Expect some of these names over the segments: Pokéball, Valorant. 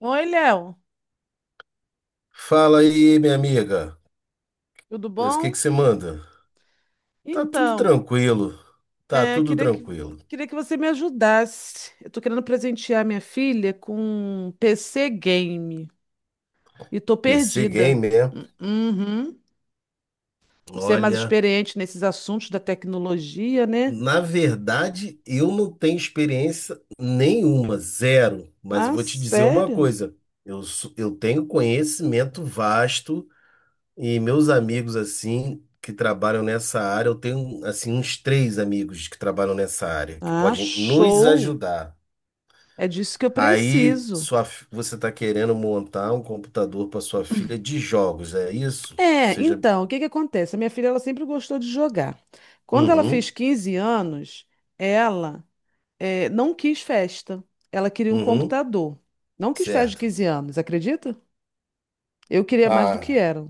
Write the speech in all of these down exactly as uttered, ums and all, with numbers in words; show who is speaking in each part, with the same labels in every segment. Speaker 1: Oi, Léo,
Speaker 2: Fala aí, minha amiga.
Speaker 1: tudo
Speaker 2: O que
Speaker 1: bom?
Speaker 2: que você manda? Tá tudo
Speaker 1: Então,
Speaker 2: tranquilo. Tá
Speaker 1: é, eu
Speaker 2: tudo
Speaker 1: queria que, vo-
Speaker 2: tranquilo.
Speaker 1: queria que você me ajudasse. Eu tô querendo presentear minha filha com um P C game e tô
Speaker 2: P C
Speaker 1: perdida.
Speaker 2: Game, né?
Speaker 1: Hum. Uhum. Você é mais
Speaker 2: Olha,
Speaker 1: experiente nesses assuntos da tecnologia, né?
Speaker 2: na verdade, eu não tenho experiência nenhuma, zero. Mas eu
Speaker 1: Ah,
Speaker 2: vou te dizer uma
Speaker 1: sério?
Speaker 2: coisa. Eu, sou- eu tenho conhecimento vasto e meus amigos, assim, que trabalham nessa área, eu tenho, assim, uns três amigos que trabalham nessa área, que
Speaker 1: Ah,
Speaker 2: podem nos
Speaker 1: show!
Speaker 2: ajudar.
Speaker 1: É disso que eu
Speaker 2: Aí,
Speaker 1: preciso.
Speaker 2: sua, fi- você está querendo montar um computador para sua filha de jogos, é isso?
Speaker 1: É,
Speaker 2: Seja.
Speaker 1: então, o que que acontece? A minha filha, ela sempre gostou de jogar. Quando ela fez
Speaker 2: Uhum,
Speaker 1: quinze anos, ela é, não quis festa. Ela queria um
Speaker 2: uhum,
Speaker 1: computador. Não quis festa de
Speaker 2: certo.
Speaker 1: quinze anos, acredita? Eu queria mais do que
Speaker 2: Ah,
Speaker 1: era.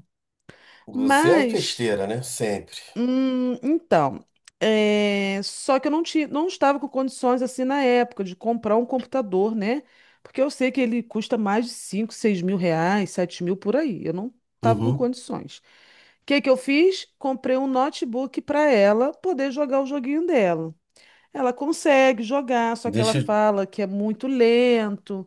Speaker 2: você é a
Speaker 1: Mas,
Speaker 2: festeira, né? Sempre.
Speaker 1: hum, então, é, só que eu não tinha, não estava com condições assim na época de comprar um computador, né? Porque eu sei que ele custa mais de cinco, seis mil reais, sete mil por aí. Eu não estava com
Speaker 2: Uhum.
Speaker 1: condições. O que que eu fiz? Comprei um notebook para ela poder jogar o joguinho dela. Ela consegue jogar, só que ela
Speaker 2: Deixa, eu-
Speaker 1: fala que é muito lento.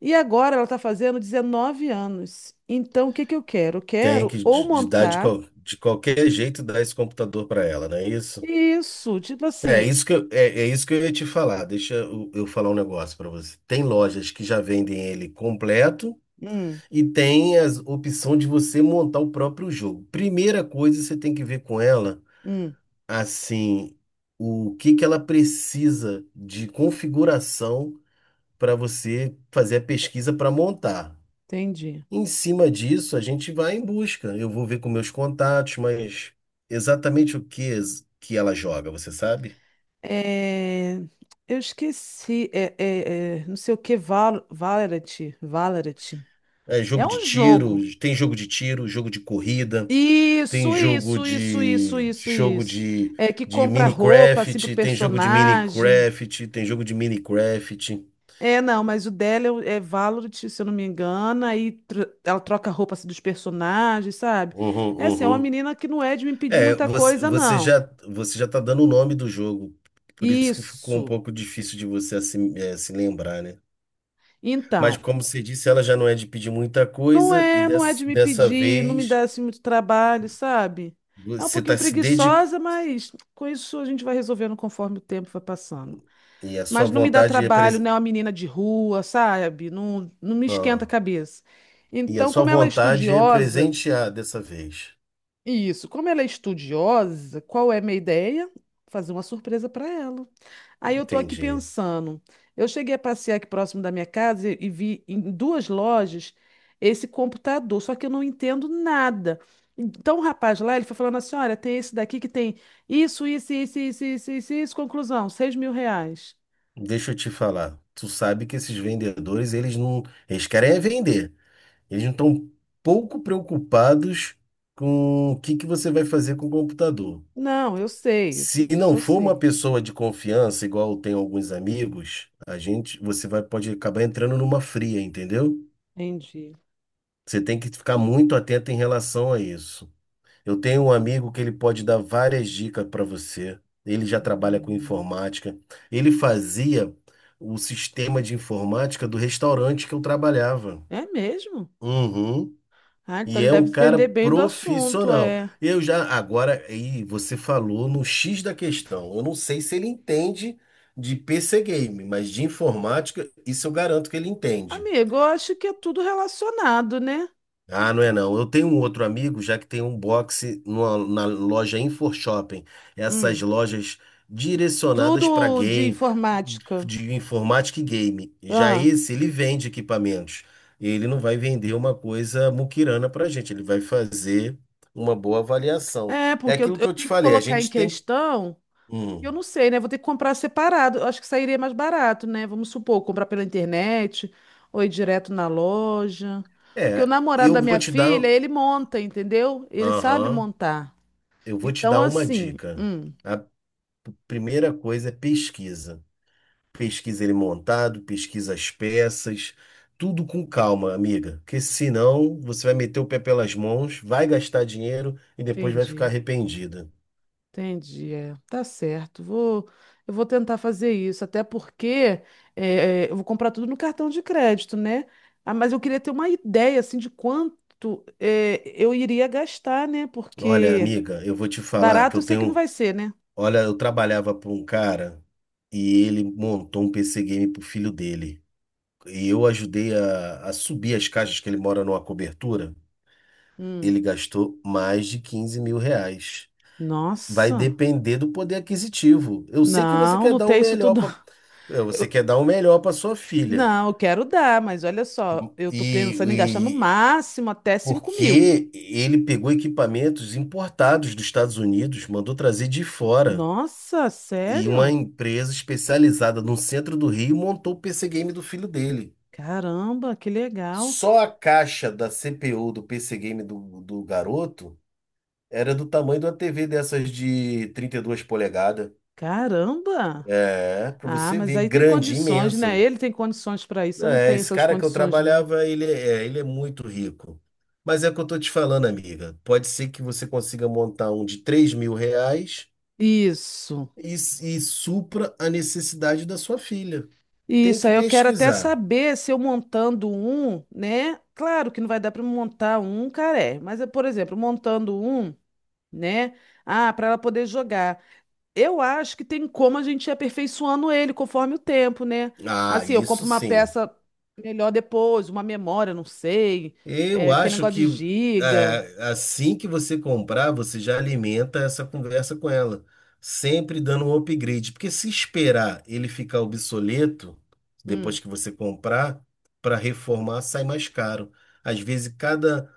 Speaker 1: E agora ela está fazendo dezenove anos. Então, o que que eu quero? Eu
Speaker 2: tem que
Speaker 1: quero ou
Speaker 2: de, de dar de,
Speaker 1: montar
Speaker 2: qual- de qualquer jeito dar esse computador para ela, não é isso?
Speaker 1: isso, tipo
Speaker 2: É
Speaker 1: assim.
Speaker 2: isso que eu, é, é isso que eu ia te falar. Deixa eu, eu falar um negócio para você. Tem lojas que já vendem ele completo.
Speaker 1: Hum.
Speaker 2: E tem a opção de você montar o próprio jogo. Primeira coisa, você tem que ver com ela,
Speaker 1: Hum.
Speaker 2: assim, o que que ela precisa de configuração para você fazer a pesquisa para montar.
Speaker 1: Entendi.
Speaker 2: Em cima disso, a gente vai em busca. Eu vou ver com meus contatos, mas exatamente o que que ela joga, você sabe?
Speaker 1: É, eu esqueci. É, é, é, não sei o que, Val, Valorant. Valorant.
Speaker 2: É
Speaker 1: É
Speaker 2: jogo de
Speaker 1: um
Speaker 2: tiro,
Speaker 1: jogo.
Speaker 2: tem jogo de tiro, jogo de corrida. Tem
Speaker 1: Isso,
Speaker 2: jogo
Speaker 1: isso, isso, isso,
Speaker 2: de, de
Speaker 1: isso,
Speaker 2: jogo
Speaker 1: isso.
Speaker 2: de,
Speaker 1: É que
Speaker 2: de
Speaker 1: compra roupa assim pro
Speaker 2: Minecraft, tem jogo de
Speaker 1: personagem.
Speaker 2: Minecraft, tem jogo de Minecraft.
Speaker 1: É, não, mas o dela é o- é Valorant, se eu não me engano, aí tro- ela troca a roupa assim, dos personagens, sabe?
Speaker 2: Uhum,
Speaker 1: É assim, é uma
Speaker 2: uhum.
Speaker 1: menina que não é de me pedir
Speaker 2: É,
Speaker 1: muita
Speaker 2: você,
Speaker 1: coisa,
Speaker 2: você
Speaker 1: não.
Speaker 2: já você já tá dando o nome do jogo. Por isso que ficou um
Speaker 1: Isso.
Speaker 2: pouco difícil de você assim, eh, se lembrar, né? Mas
Speaker 1: Então,
Speaker 2: como você disse, ela já não é de pedir muita
Speaker 1: não
Speaker 2: coisa e
Speaker 1: é, não é
Speaker 2: dessa,
Speaker 1: de me
Speaker 2: dessa
Speaker 1: pedir, não me dá
Speaker 2: vez
Speaker 1: assim muito trabalho, sabe? É um
Speaker 2: você
Speaker 1: pouquinho
Speaker 2: está se dedicando
Speaker 1: preguiçosa, mas com isso a gente vai resolvendo conforme o tempo vai passando.
Speaker 2: e a sua
Speaker 1: Mas não me dá
Speaker 2: vontade é
Speaker 1: trabalho,
Speaker 2: presen...
Speaker 1: não é uma menina de rua, sabe? Não, não me esquenta a
Speaker 2: ah,
Speaker 1: cabeça.
Speaker 2: e a
Speaker 1: Então,
Speaker 2: sua
Speaker 1: como ela é
Speaker 2: vontade é
Speaker 1: estudiosa.
Speaker 2: presentear dessa vez.
Speaker 1: Isso. Como ela é estudiosa, qual é a minha ideia? Fazer uma surpresa para ela. Aí eu estou aqui
Speaker 2: Entendi.
Speaker 1: pensando. Eu cheguei a passear aqui próximo da minha casa e e vi em duas lojas esse computador, só que eu não entendo nada. Então o rapaz lá, ele foi falando assim: olha, tem esse daqui que tem isso, isso, isso, isso, isso, isso, isso. Conclusão: seis mil reais.
Speaker 2: Deixa eu te falar. Tu sabe que esses vendedores, eles não, eles querem é vender. Eles não estão pouco preocupados com o que que você vai fazer com o computador.
Speaker 1: Não, eu sei.
Speaker 2: Se
Speaker 1: Disso
Speaker 2: não
Speaker 1: eu
Speaker 2: for uma
Speaker 1: sei.
Speaker 2: pessoa de confiança, igual tem alguns amigos, a gente, você vai pode acabar entrando numa fria, entendeu?
Speaker 1: Entendi.
Speaker 2: Você tem que ficar muito atento em relação a isso. Eu tenho um amigo que ele pode dar várias dicas para você. Ele já trabalha com
Speaker 1: Hum.
Speaker 2: informática. Ele fazia o sistema de informática do restaurante que eu trabalhava.
Speaker 1: É mesmo?
Speaker 2: Uhum.
Speaker 1: Ah, então
Speaker 2: E
Speaker 1: ele
Speaker 2: é
Speaker 1: deve
Speaker 2: um cara
Speaker 1: entender bem do assunto,
Speaker 2: profissional.
Speaker 1: é.
Speaker 2: Eu já agora aí você falou no xis da questão. Eu não sei se ele entende de P C game, mas de informática isso eu garanto que ele entende.
Speaker 1: Amigo, eu acho que é tudo relacionado, né?
Speaker 2: Ah, não é não. Eu tenho um outro amigo, já que tem um boxe numa- na loja Info Shopping. Essas
Speaker 1: Hum.
Speaker 2: lojas direcionadas para
Speaker 1: Tudo de
Speaker 2: game,
Speaker 1: informática.
Speaker 2: de informática e game. Já
Speaker 1: Ah,
Speaker 2: esse, ele vende equipamentos. Ele não vai vender uma coisa muquirana para gente. Ele vai fazer uma boa avaliação.
Speaker 1: é,
Speaker 2: É
Speaker 1: porque eu,
Speaker 2: aquilo que
Speaker 1: eu
Speaker 2: eu te
Speaker 1: tenho que
Speaker 2: falei. A
Speaker 1: colocar em
Speaker 2: gente tem.
Speaker 1: questão,
Speaker 2: Hum.
Speaker 1: eu não sei, né? Vou ter que comprar separado. Eu acho que sairia mais barato, né? Vamos supor, comprar pela internet ou ir direto na loja. Porque o
Speaker 2: É,
Speaker 1: namorado
Speaker 2: eu
Speaker 1: da
Speaker 2: vou
Speaker 1: minha
Speaker 2: te dar.
Speaker 1: filha, ele monta, entendeu? Ele sabe
Speaker 2: Aham.
Speaker 1: montar.
Speaker 2: Eu vou te
Speaker 1: Então,
Speaker 2: dar uma
Speaker 1: assim,
Speaker 2: dica.
Speaker 1: hum,
Speaker 2: A primeira coisa é pesquisa. Pesquisa ele montado, pesquisa as peças, tudo com calma, amiga, porque senão você vai meter o pé pelas mãos, vai gastar dinheiro e depois vai ficar
Speaker 1: entendi.
Speaker 2: arrependida.
Speaker 1: Entendi, é. Tá certo. Vou, eu vou tentar fazer isso, até porque é, é, eu vou comprar tudo no cartão de crédito, né? Ah, mas eu queria ter uma ideia assim de quanto é, eu iria gastar, né?
Speaker 2: Olha,
Speaker 1: Porque
Speaker 2: amiga, eu vou te falar que
Speaker 1: barato
Speaker 2: eu
Speaker 1: eu sei que não
Speaker 2: tenho,
Speaker 1: vai ser, né?
Speaker 2: olha, eu trabalhava para um cara e ele montou um P C game pro filho dele. E eu ajudei a, a subir as caixas que ele mora numa cobertura.
Speaker 1: Hum.
Speaker 2: Ele gastou mais de quinze mil reais. Vai
Speaker 1: Nossa,
Speaker 2: depender do poder aquisitivo. Eu sei que você
Speaker 1: não,
Speaker 2: quer
Speaker 1: não
Speaker 2: dar o
Speaker 1: tem isso
Speaker 2: melhor
Speaker 1: tudo.
Speaker 2: para você
Speaker 1: Eu-
Speaker 2: quer dar o melhor para sua filha.
Speaker 1: não, eu quero dar, mas olha só, eu tô
Speaker 2: E,
Speaker 1: pensando em gastar no
Speaker 2: e-
Speaker 1: máximo até cinco mil.
Speaker 2: porque ele pegou equipamentos importados dos Estados Unidos, mandou trazer de fora.
Speaker 1: Nossa,
Speaker 2: E uma
Speaker 1: sério?
Speaker 2: empresa especializada no centro do Rio montou o P C Game do filho dele.
Speaker 1: Caramba, que legal.
Speaker 2: Só a caixa da C P U do P C Game do, do garoto era do tamanho de uma T V dessas de trinta e duas polegadas.
Speaker 1: Caramba!
Speaker 2: É, para
Speaker 1: Ah,
Speaker 2: você
Speaker 1: mas
Speaker 2: ver,
Speaker 1: aí tem
Speaker 2: grande,
Speaker 1: condições,
Speaker 2: imensa.
Speaker 1: né? Ele tem condições para isso. Eu não
Speaker 2: É,
Speaker 1: tenho
Speaker 2: esse
Speaker 1: essas
Speaker 2: cara que eu
Speaker 1: condições, não.
Speaker 2: trabalhava, ele é, é, ele é muito rico. Mas é o que eu tô te falando, amiga. Pode ser que você consiga montar um de três mil reais
Speaker 1: Isso.
Speaker 2: e, e supra a necessidade da sua filha. Tem
Speaker 1: Isso.
Speaker 2: que
Speaker 1: Aí eu quero até
Speaker 2: pesquisar.
Speaker 1: saber se eu montando um, né? Claro que não vai dar para montar um caré, mas, eh, por exemplo, montando um, né? Ah, para ela poder jogar. Eu acho que tem como a gente ir aperfeiçoando ele conforme o tempo, né?
Speaker 2: Ah,
Speaker 1: Assim, eu compro
Speaker 2: isso
Speaker 1: uma
Speaker 2: sim.
Speaker 1: peça melhor depois, uma memória, não sei.
Speaker 2: Eu
Speaker 1: É, aquele
Speaker 2: acho
Speaker 1: negócio de
Speaker 2: que
Speaker 1: giga.
Speaker 2: é, assim que você comprar, você já alimenta essa conversa com ela, sempre dando um upgrade, porque se esperar ele ficar obsoleto
Speaker 1: Hum.
Speaker 2: depois que você comprar, para reformar sai mais caro. Às vezes cada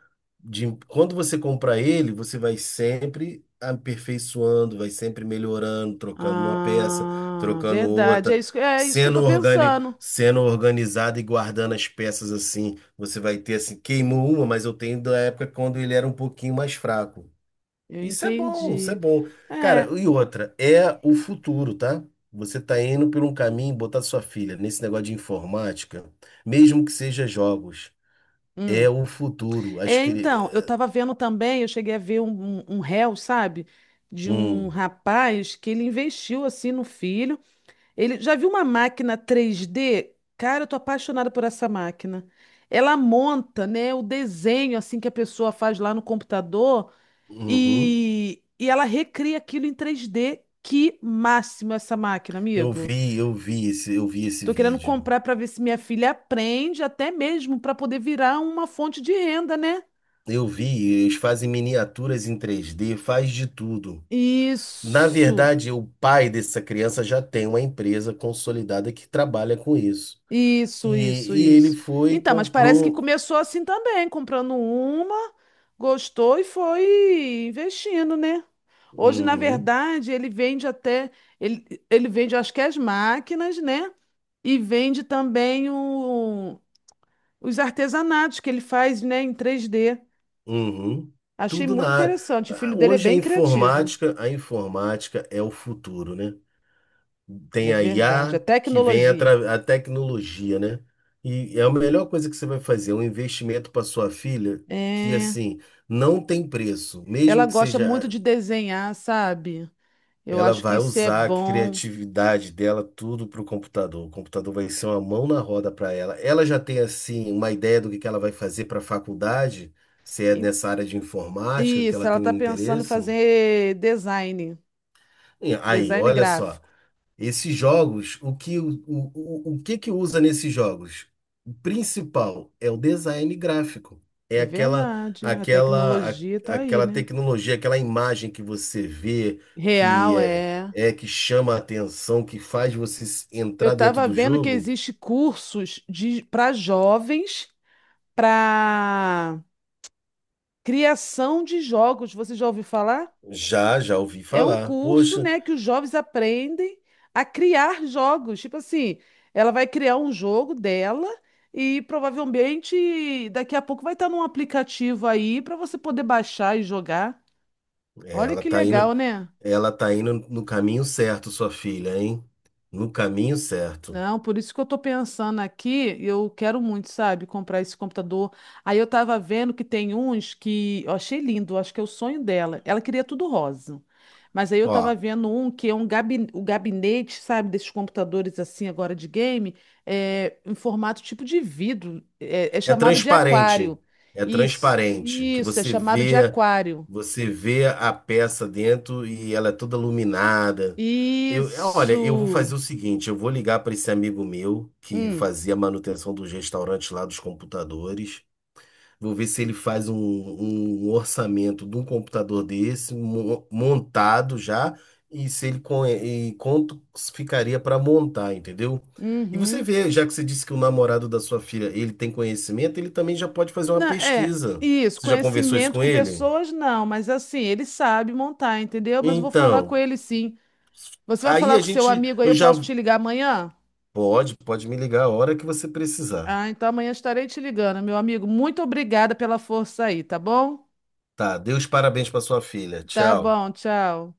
Speaker 2: de- quando você comprar ele, você vai sempre aperfeiçoando, vai sempre melhorando, trocando uma peça,
Speaker 1: Ah,
Speaker 2: trocando
Speaker 1: verdade. É
Speaker 2: outra,
Speaker 1: isso, que- é isso que eu
Speaker 2: sendo
Speaker 1: tô
Speaker 2: organi-
Speaker 1: pensando.
Speaker 2: sendo organizado e guardando as peças assim. Você vai ter assim, queimou uma, mas eu tenho da época quando ele era um pouquinho mais fraco.
Speaker 1: Eu
Speaker 2: Isso é bom, isso é
Speaker 1: entendi.
Speaker 2: bom. Cara,
Speaker 1: É.
Speaker 2: e outra, é o futuro, tá? Você tá indo por um caminho, botar sua filha nesse negócio de informática, mesmo que seja jogos,
Speaker 1: Hum.
Speaker 2: é o futuro. Acho
Speaker 1: É,
Speaker 2: que.
Speaker 1: então, eu tava vendo também, eu cheguei a ver um, um, um réu, sabe? De um
Speaker 2: Hum.
Speaker 1: rapaz que ele investiu assim no filho. Ele já viu uma máquina três d. Cara, eu tô apaixonada por essa máquina. Ela monta, né, o desenho assim que a pessoa faz lá no computador
Speaker 2: Uhum.
Speaker 1: e, e ela recria aquilo em três d. Que máximo essa máquina,
Speaker 2: Eu
Speaker 1: amigo.
Speaker 2: vi, eu vi esse, eu vi esse
Speaker 1: Tô querendo
Speaker 2: vídeo.
Speaker 1: comprar para ver se minha filha aprende, até mesmo para poder virar uma fonte de renda, né?
Speaker 2: Eu vi, eles fazem miniaturas em três dê. Faz de tudo. Na
Speaker 1: Isso,
Speaker 2: verdade, o pai dessa criança já tem uma empresa consolidada que trabalha com isso. E,
Speaker 1: isso, isso,
Speaker 2: e ele
Speaker 1: isso.
Speaker 2: foi e
Speaker 1: Então, mas parece que
Speaker 2: comprou.
Speaker 1: começou assim também, comprando uma, gostou e foi investindo, né? Hoje, na
Speaker 2: Uhum,
Speaker 1: verdade, ele vende até, ele, ele vende, acho que as máquinas, né? E vende também o- os artesanatos que ele faz, né, em três dê.
Speaker 2: uhum.
Speaker 1: Achei
Speaker 2: Tudo na
Speaker 1: muito
Speaker 2: área.
Speaker 1: interessante. O
Speaker 2: Ah,
Speaker 1: filho dele é
Speaker 2: hoje a
Speaker 1: bem criativo.
Speaker 2: informática, a informática é o futuro, né?
Speaker 1: É
Speaker 2: Tem a
Speaker 1: verdade. A
Speaker 2: I A que vem
Speaker 1: tecnologia.
Speaker 2: atra- a tecnologia, né? E é a melhor coisa que você vai fazer, um investimento para sua filha que
Speaker 1: É,
Speaker 2: assim não tem preço,
Speaker 1: ela
Speaker 2: mesmo que
Speaker 1: gosta muito
Speaker 2: seja.
Speaker 1: de desenhar, sabe? Eu
Speaker 2: Ela
Speaker 1: acho que
Speaker 2: vai
Speaker 1: isso é
Speaker 2: usar a
Speaker 1: bom.
Speaker 2: criatividade dela tudo para o computador. O computador vai ser uma mão na roda para ela. Ela já tem assim uma ideia do que que ela vai fazer para a faculdade, se é
Speaker 1: E-
Speaker 2: nessa área de informática que
Speaker 1: Isso,
Speaker 2: ela
Speaker 1: ela está
Speaker 2: tem
Speaker 1: pensando em
Speaker 2: interesse.
Speaker 1: fazer design,
Speaker 2: E aí,
Speaker 1: design
Speaker 2: olha só.
Speaker 1: gráfico.
Speaker 2: Esses jogos, o que, o, o, o que que usa nesses jogos? O principal é o design gráfico. É
Speaker 1: É
Speaker 2: aquela,
Speaker 1: verdade. A
Speaker 2: aquela, a-
Speaker 1: tecnologia está aí,
Speaker 2: aquela
Speaker 1: né?
Speaker 2: tecnologia, aquela imagem que você vê, que
Speaker 1: Real,
Speaker 2: é,
Speaker 1: é.
Speaker 2: é que chama a atenção, que faz você s-
Speaker 1: Eu
Speaker 2: entrar dentro
Speaker 1: estava
Speaker 2: do
Speaker 1: vendo que
Speaker 2: jogo.
Speaker 1: existe cursos de para jovens para criação de jogos. Você já ouviu falar?
Speaker 2: Já, já ouvi
Speaker 1: É um
Speaker 2: falar.
Speaker 1: curso,
Speaker 2: Poxa,
Speaker 1: né, que os jovens aprendem a criar jogos. Tipo assim, ela vai criar um jogo dela e provavelmente daqui a pouco vai estar num aplicativo aí para você poder baixar e jogar. Olha
Speaker 2: ela
Speaker 1: que
Speaker 2: tá
Speaker 1: legal,
Speaker 2: indo,
Speaker 1: né?
Speaker 2: ela tá indo no caminho certo, sua filha, hein? No caminho certo.
Speaker 1: Não, por isso que eu tô pensando aqui, eu quero muito, sabe, comprar esse computador. Aí eu tava vendo que tem uns que eu achei lindo, acho que é o sonho dela. Ela queria tudo rosa. Mas aí eu tava
Speaker 2: Ó,
Speaker 1: vendo um que é um gabi- o gabinete, sabe, desses computadores assim agora de game, é, em formato tipo de vidro, é, é
Speaker 2: é
Speaker 1: chamado de aquário.
Speaker 2: transparente. É
Speaker 1: Isso,
Speaker 2: transparente. Que
Speaker 1: isso, é
Speaker 2: você
Speaker 1: chamado de
Speaker 2: vê,
Speaker 1: aquário.
Speaker 2: você vê a peça dentro e ela é toda iluminada. Eu, olha, eu vou fazer
Speaker 1: Isso.
Speaker 2: o seguinte, eu vou ligar para esse amigo meu que
Speaker 1: Hum.
Speaker 2: fazia manutenção dos restaurantes lá dos computadores. Vou ver se ele faz um, um um orçamento de um computador desse, mo- montado já, e se ele con- e quanto ficaria para montar, entendeu? E você
Speaker 1: Uhum.
Speaker 2: vê, já que você disse que o namorado da sua filha, ele tem conhecimento, ele também já pode fazer uma
Speaker 1: Não, é,
Speaker 2: pesquisa.
Speaker 1: isso,
Speaker 2: Você já conversou isso
Speaker 1: conhecimento
Speaker 2: com
Speaker 1: com
Speaker 2: ele?
Speaker 1: pessoas, não, mas assim, ele sabe montar, entendeu? Mas eu vou falar com
Speaker 2: Então,
Speaker 1: ele sim. Você vai
Speaker 2: aí
Speaker 1: falar
Speaker 2: a
Speaker 1: com seu
Speaker 2: gente,
Speaker 1: amigo aí,
Speaker 2: eu
Speaker 1: eu
Speaker 2: já
Speaker 1: posso te ligar amanhã?
Speaker 2: pode, pode me ligar a hora que você precisar.
Speaker 1: Ah, então amanhã estarei te ligando, meu amigo. Muito obrigada pela força aí, tá bom?
Speaker 2: Tá, dê os parabéns para sua filha.
Speaker 1: Tá
Speaker 2: Tchau.
Speaker 1: bom, tchau.